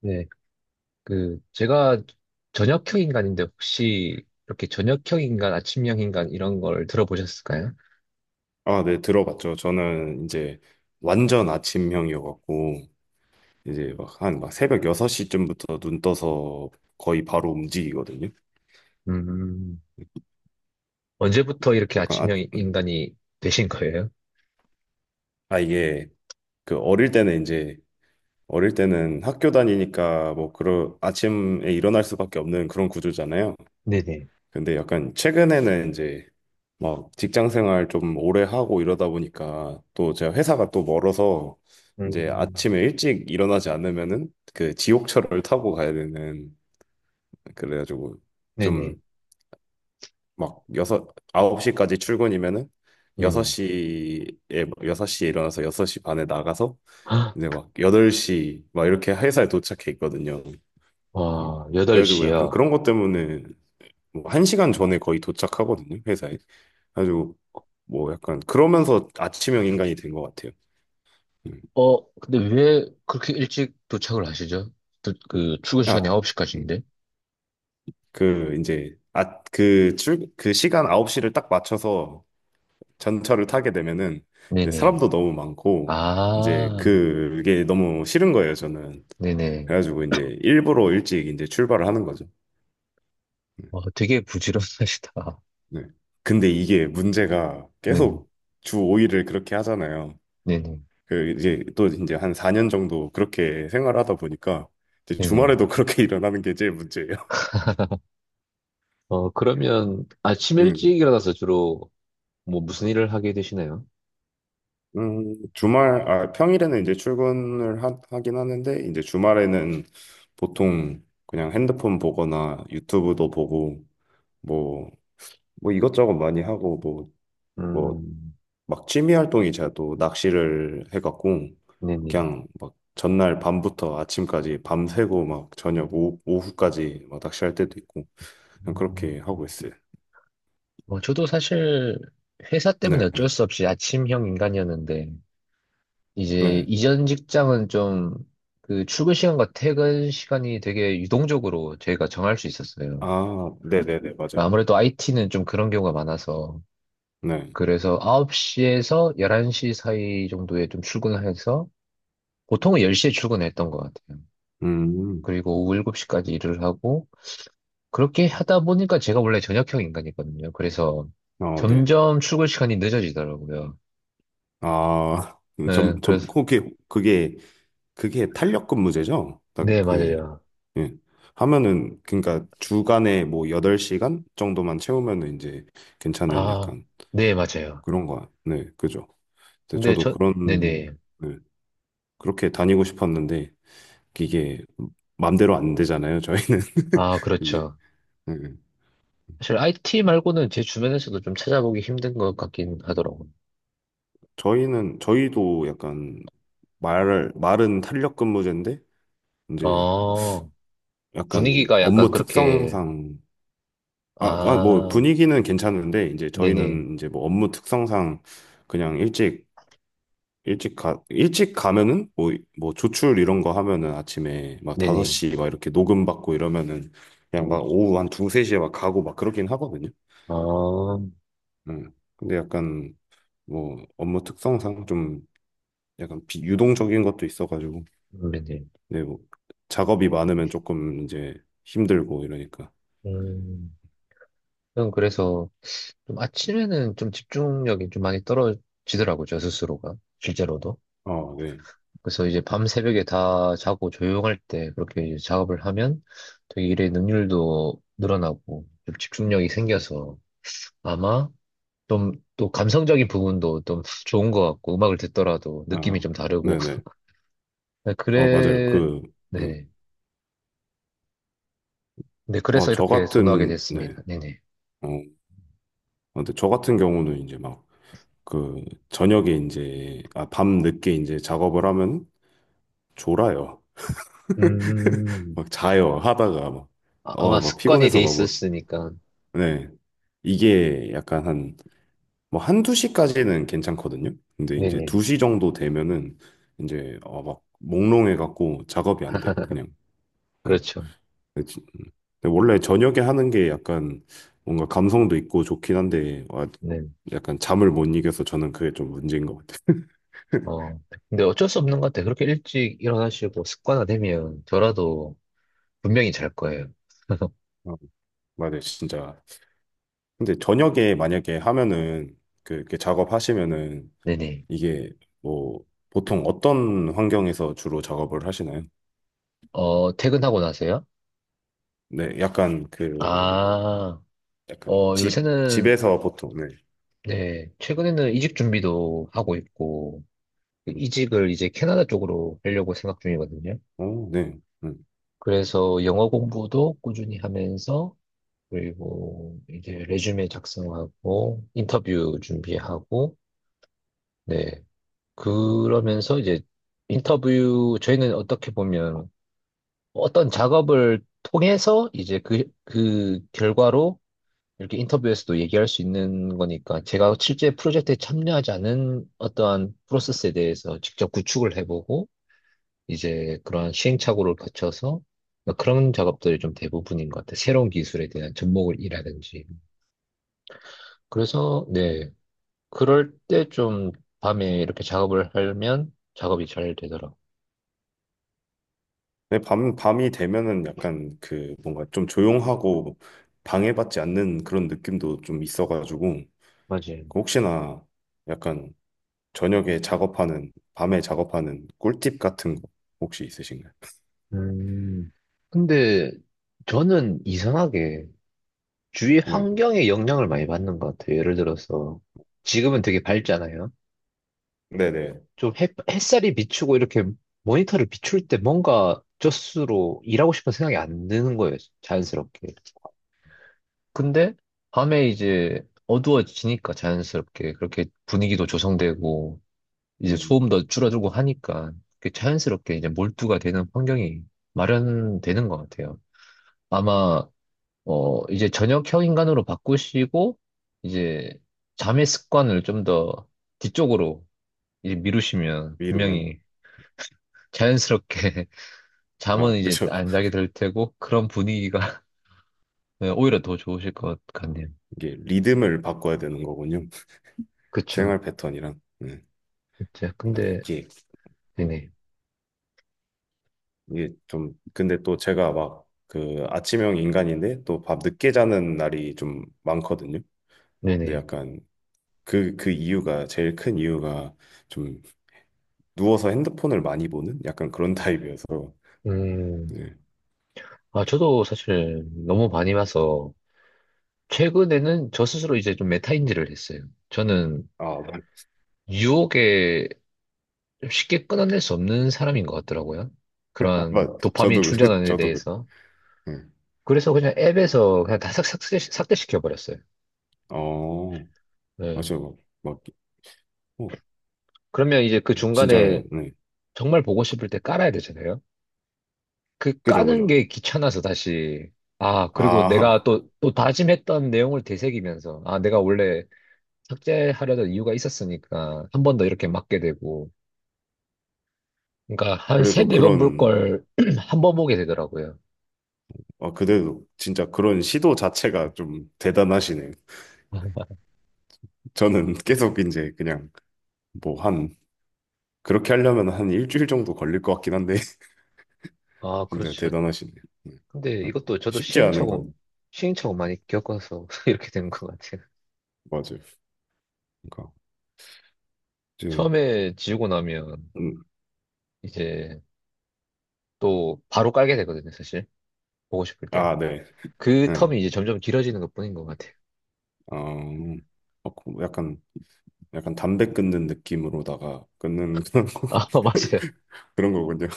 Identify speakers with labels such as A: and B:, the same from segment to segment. A: 네, 그, 제가 저녁형 인간인데 혹시 이렇게 저녁형 인간, 아침형 인간 이런 걸 들어보셨을까요?
B: 아, 네, 들어봤죠. 저는 이제 완전 아침형이어갖고, 이제 막 한 새벽 6시쯤부터 눈 떠서 거의 바로 움직이거든요.
A: 음, 언제부터 이렇게
B: 약간,
A: 아침형 인간이 되신 거예요?
B: 이게 그 어릴 때는 학교 다니니까 뭐 그런 아침에 일어날 수밖에 없는 그런 구조잖아요.
A: 네네.
B: 근데 약간 최근에는 이제 막 직장 생활 좀 오래 하고 이러다 보니까 또 제가 회사가 또 멀어서 이제
A: 음,
B: 아침에 일찍 일어나지 않으면은 그 지옥철을 타고 가야 되는, 그래가지고
A: 네네.
B: 좀 막 여섯 아홉 시까지 출근이면은 여섯
A: 네네.
B: 시에 여섯 시에 일어나서 여섯 시 반에 나가서
A: 아,
B: 이제 막 여덟 시 막 이렇게 회사에 도착해 있거든요. 음.
A: 와,
B: 그래가지고 약간
A: 8시요.
B: 그런 것 때문에 뭐시간 전에 거의 도착하거든요, 회사에. 아주 뭐 약간 그러면서 아침형 인간이 된 것 같아요. 음.
A: 어, 근데 왜 그렇게 일찍 도착을 하시죠? 또, 그, 출근 시간이
B: 아, 음.
A: 9시까지인데?
B: 그 이제 그 시간 9시를 딱 맞춰서 전철을 타게 되면은 이제
A: 네네.
B: 사람도 너무 많고, 이제
A: 아,
B: 그게 너무 싫은 거예요, 저는.
A: 네네.
B: 그래가지고 이제 일부러 일찍 이제 출발을 하는 거죠. 음.
A: 어, 되게 부지런하시다.
B: 네. 근데 이게 문제가
A: 네
B: 계속 주 5일을 그렇게 하잖아요.
A: 네네.
B: 그 이제 또 이제 한 4년 정도 그렇게 생활하다 보니까 이제
A: 네네.
B: 주말에도 그렇게 일어나는 게 제일 문제예요.
A: 어, 그러면 아침
B: 음,
A: 일찍 일어나서 주로 뭐 무슨 일을 하게 되시나요?
B: 평일에는 이제 출근을 하긴 하는데, 이제 주말에는 보통 그냥 핸드폰 보거나 유튜브도 보고, 뭐, 이것저것 많이 하고, 뭐, 뭐
A: 음,
B: 막 취미 활동이, 제가 또 낚시를 해갖고
A: 네네.
B: 그냥 막 전날 밤부터 아침까지 밤새고 막 저녁 오후까지 막 낚시할 때도 있고 그냥
A: 음,
B: 그렇게 하고 있어요.
A: 뭐 저도 사실 회사 때문에
B: 네,
A: 어쩔 수 없이 아침형 인간이었는데, 이제
B: 네.
A: 이전 직장은 좀 그 출근 시간과 퇴근 시간이 되게 유동적으로 저희가 정할 수 있었어요.
B: 아, 네네네, 맞아요.
A: 아무래도 IT는 좀 그런 경우가 많아서,
B: 네.
A: 그래서 9시에서 11시 사이 정도에 좀 출근을 해서, 보통은 10시에 출근했던 것 같아요.
B: 음,
A: 그리고 오후 7시까지 일을 하고, 그렇게 하다 보니까 제가 원래 저녁형 인간이거든요. 그래서
B: 어, 네.
A: 점점 출근 시간이 늦어지더라고요.
B: 아,
A: 네, 그래서,
B: 그게, 그게 탄력 근무제죠?
A: 네, 맞아요.
B: 예. 하면은, 그러니까 주간에 뭐 8시간 정도만 채우면은 이제 괜찮은
A: 아,
B: 약간
A: 네, 맞아요.
B: 그런 거야. 네, 그죠. 근데
A: 근데
B: 저도
A: 저, 네네.
B: 그런, 네, 그렇게 다니고 싶었는데, 이게 맘대로 안 되잖아요, 저희는.
A: 아,
B: 이게.
A: 그렇죠.
B: 네. 네.
A: 사실 IT 말고는 제 주변에서도 좀 찾아보기 힘든 것 같긴 하더라고요.
B: 저희는, 저희도 약간 말은 탄력 근무제인데, 이제
A: 아,
B: 약간
A: 분위기가 약간
B: 업무
A: 그렇게,
B: 특성상, 뭐
A: 아,
B: 분위기는 괜찮은데, 이제
A: 네네,
B: 저희는 이제 뭐 업무 특성상 그냥 일찍 일찍 가면은 뭐, 조출 이런 거 하면은 아침에 막
A: 네네.
B: 5시 막 이렇게 녹음 받고 이러면은 그냥
A: 음,
B: 막 오후 한 2, 3시에 막 가고 막 그러긴 하거든요.
A: 아,
B: 음. 근데 약간 뭐 업무 특성상 좀 약간 비유동적인 것도 있어가지고
A: 네네.
B: 네, 뭐 작업이 많으면 조금 이제 힘들고 이러니까.
A: 음, 그냥 그래서, 좀 아침에는 좀 집중력이 좀 많이 떨어지더라고요, 저 스스로가. 실제로도.
B: 아, 네.
A: 그래서 이제 밤 새벽에 다 자고 조용할 때 그렇게 이제 작업을 하면 되게 일의 능률도 늘어나고 좀 집중력이 생겨서 아마 좀 또 감성적인 부분도 좀 좋은 것 같고 음악을 듣더라도 느낌이
B: 아,
A: 좀 다르고.
B: 네네.
A: 네,
B: 어, 맞아요.
A: 그래,
B: 그, 음.
A: 네네. 네, 그래서 이렇게 선호하게
B: 네.
A: 됐습니다. 네네.
B: 어, 어, 근데 저 같은 경우는 이제 막 그 저녁에 이제 밤 늦게 이제 작업을 하면 졸아요.
A: 음,
B: 막 자요 하다가 막
A: 아마
B: 어 막
A: 습관이
B: 피곤해서
A: 돼
B: 막 뭐,
A: 있었으니까.
B: 네. 이게 약간 한, 뭐 한두 시까지는 괜찮거든요. 근데 이제
A: 네네.
B: 2시 정도 되면은 이제 막 몽롱해 갖고 작업이 안 돼요. 그냥. 응.
A: 그렇죠.
B: 근데 지- 음. 근데 원래 저녁에 하는 게 약간 뭔가 감성도 있고 좋긴 한데 와,
A: 네.
B: 약간 잠을 못 이겨서 저는 그게 좀 문제인 것 같아요.
A: 어, 근데 어쩔 수 없는 것 같아. 그렇게 일찍 일어나시고 습관화되면 저라도 분명히 잘 거예요.
B: 어, 맞아요. 진짜. 근데 저녁에 만약에 하면은 그 이렇게 작업하시면은
A: 네네.
B: 이게 뭐 보통 어떤 환경에서 주로 작업을 하시나요?
A: 어, 퇴근하고 나서요?
B: 네, 약간 그
A: 아,
B: 약간
A: 어,
B: 집
A: 요새는,
B: 집에서 보통. 네.
A: 네, 최근에는 이직 준비도 하고 있고,
B: 음.
A: 이직을 이제 캐나다 쪽으로 하려고 생각 중이거든요.
B: 어, 네. 음.
A: 그래서 영어 공부도 꾸준히 하면서, 그리고 이제 레주메 작성하고, 인터뷰 준비하고, 네, 그러면서 이제 인터뷰, 저희는 어떻게 보면 어떤 작업을 통해서 이제 그, 그 결과로 이렇게 인터뷰에서도 얘기할 수 있는 거니까 제가 실제 프로젝트에 참여하지 않은 어떠한 프로세스에 대해서 직접 구축을 해보고 이제 그런 시행착오를 거쳐서 그런 작업들이 좀 대부분인 것 같아요. 새로운 기술에 대한 접목이라든지. 그래서, 네. 그럴 때 좀 밤에 이렇게 작업을 하면 작업이 잘 되더라고요.
B: 네, 밤 밤이 되면은 약간 그 뭔가 좀 조용하고 방해받지 않는 그런 느낌도 좀 있어가지고,
A: 맞아요.
B: 그 혹시나 약간 저녁에 작업하는 밤에 작업하는 꿀팁 같은 거 혹시 있으신가요?
A: 음, 근데 저는 이상하게 주위
B: 네.
A: 환경에 영향을 많이 받는 것 같아요. 예를 들어서 지금은 되게 밝잖아요.
B: 네네.
A: 좀 햇살이 비추고 이렇게 모니터를 비출 때 뭔가 젖수로 일하고 싶은 생각이 안 드는 거예요. 자연스럽게. 근데 밤에 이제 어두워지니까 자연스럽게 그렇게 분위기도 조성되고 이제 소음도 줄어들고 하니까 그게 자연스럽게 이제 몰두가 되는 환경이 마련되는 것 같아요. 아마 어, 이제 저녁형 인간으로 바꾸시고, 이제 잠의 습관을 좀 더 뒤쪽으로 이제 미루시면
B: 위로면.
A: 분명히 자연스럽게
B: 아,
A: 잠은 이제
B: 그죠.
A: 안 자게 될 테고, 그런 분위기가 네, 오히려 더 좋으실 것 같네요.
B: 이게 리듬을 바꿔야 되는 거군요.
A: 그쵸.
B: 생활 패턴이랑. 네.
A: 그쵸.
B: 근데
A: 근데,
B: 이게, 음,
A: 네네.
B: 이게 좀, 근데 또 제가 막 그 아침형 인간인데 또 밤 늦게 자는 날이 좀 많거든요. 근데
A: 네네.
B: 약간 제일 큰 이유가 좀 누워서 핸드폰을 많이 보는 약간 그런 타입이어서.
A: 음,
B: 네.
A: 아, 저도 사실 너무 많이 봐서, 최근에는 저 스스로 이제 좀 메타인지를 했어요. 저는
B: 아, 맞.
A: 유혹에 좀 쉽게 끊어낼 수 없는 사람인 것 같더라고요. 그런
B: 맞.
A: 도파민 충전원에
B: 저도 그래.
A: 대해서.
B: 네.
A: 그래서 그냥 앱에서 그냥 다 삭제시켜버렸어요.
B: 어,
A: 네.
B: 맞아요. 막, 어,
A: 그러면 이제 그
B: 진짜,
A: 중간에
B: 네.
A: 정말 보고 싶을 때 깔아야 되잖아요. 그
B: 그죠,
A: 까는
B: 그죠.
A: 게 귀찮아서 다시, 아, 그리고 내가
B: 아,
A: 또 다짐했던 내용을 되새기면서, 아, 내가 원래 삭제하려던 이유가 있었으니까 한 번 더 이렇게 맞게 되고, 그러니까 한
B: 그래도
A: 세네 번 볼
B: 그런,
A: 걸 한 번 보게 되더라고요.
B: 그래도 진짜 그런 시도 자체가 좀 대단하시네. 저는 계속 이제 그냥 뭐 한, 그렇게 하려면 한 일주일 정도 걸릴 것 같긴 한데,
A: 아,
B: 진짜
A: 그렇죠.
B: 대단하시네. 네.
A: 근데
B: 네.
A: 이것도 저도
B: 쉽지 않은 건,
A: 시행착오 많이 겪어서 이렇게 된 것 같아요.
B: 맞아요. 그러니까, 이제,
A: 처음에 지우고 나면
B: 음,
A: 이제 또 바로 깔게 되거든요, 사실. 보고 싶을 때.
B: 네.
A: 그
B: 네.
A: 텀이 이제 점점 길어지는 것뿐인 것 같아요.
B: 어, 그 약간 담배 끊는 느낌으로다가 끊는 그런 거,
A: 아, 맞아요.
B: 그런 거군요.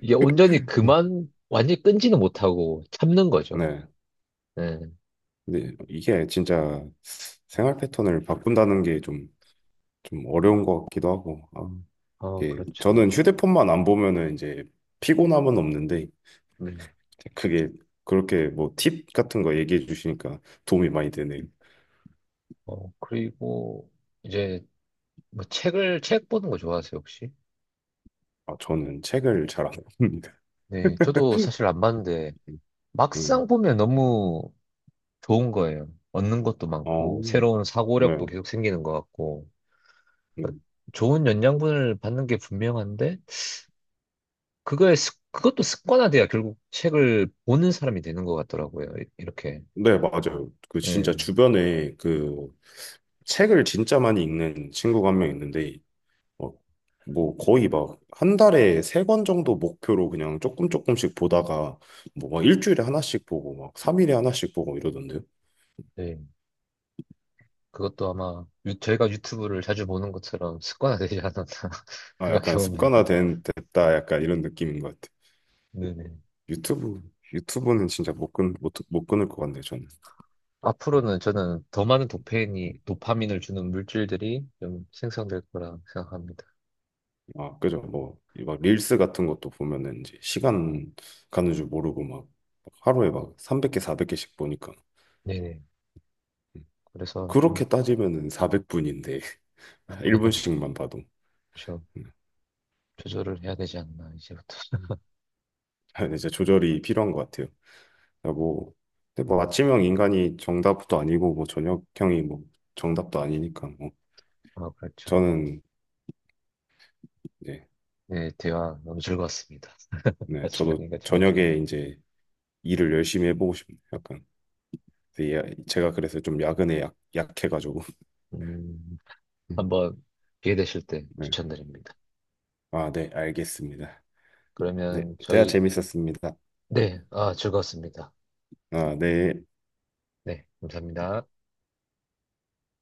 A: 이게 온전히 그만, 완전히 끈지는 못하고 참는 거죠.
B: 네.
A: 네.
B: 근데 이게 진짜 생활 패턴을 바꾼다는 게좀 좀 어려운 것 같기도 하고. 아,
A: 어,
B: 이게
A: 그렇죠.
B: 저는 휴대폰만 안 보면은 이제 피곤함은 없는데,
A: 음.
B: 그게 그렇게 뭐 팁 같은 거 얘기해 주시니까 도움이 많이 되네요.
A: 어, 그리고 이제 뭐 책 보는 거 좋아하세요, 혹시?
B: 아, 저는 책을 잘 안 봅니다.
A: 네, 저도 사실 안 봤는데
B: 음.
A: 막상 보면 너무 좋은 거예요. 얻는 것도
B: 어,
A: 많고, 새로운
B: 네.
A: 사고력도 계속 생기는 것 같고,
B: 네,
A: 그러니까 좋은 영양분을 받는 게 분명한데, 그것도 습관화돼야 결국 책을 보는 사람이 되는 것 같더라고요. 이렇게.
B: 네, 맞아요. 그 진짜
A: 네,
B: 주변에 그 책을 진짜 많이 읽는 친구가 한 명 있는데, 어, 뭐 거의 막 한 달에 세 권 정도 목표로 그냥 조금 조금씩 보다가 뭐막 일주일에 하나씩 보고 막 3일에 하나씩 보고 이러던데요.
A: 네. 그것도 아마 저희가 유튜브를 자주 보는 것처럼 습관화되지 않았나
B: 아,
A: 생각해
B: 약간
A: 봅니다.
B: 습관화된 됐다 약간 이런 느낌인 것 같아.
A: 네네.
B: 유튜브 유튜브는 진짜 못 끊, 못, 못 끊을 것 같네, 저는.
A: 앞으로는 저는 더 많은
B: 음.
A: 도파민을 주는 물질들이 좀 생성될 거라 생각합니다.
B: 아, 그죠. 뭐 막 릴스 같은 것도 보면은 이제 시간 가는 줄 모르고 막 하루에 막 300개 400개씩 보니까.
A: 네네.
B: 음.
A: 그래서 좀,
B: 그렇게 따지면은 400분인데 1분씩만 봐도.
A: 저
B: 음.
A: 조절을 해야 되지 않나 이제부터
B: 음. 이제 조절이 필요한 것 같아요. 그러니까 뭐, 근데 뭐 아침형 인간이 정답도 아니고 뭐 저녁형이 뭐 정답도 아니니까 뭐
A: 아 그렇죠
B: 저는 이제,
A: 네 대화 너무 즐거웠습니다
B: 네, 저도
A: 아침형인가
B: 저녁에
A: 저녁형인가
B: 이제 일을 열심히 해보고 싶네요. 약간 근데 제가 그래서 좀 야근에 약해가지고
A: 음 한번 기회 되실 때
B: 네.
A: 추천드립니다
B: 아, 네, 알겠습니다. 네,
A: 그러면
B: 대화
A: 저희
B: 재밌었습니다.
A: 네 아 즐거웠습니다
B: 아, 네.
A: 네 감사합니다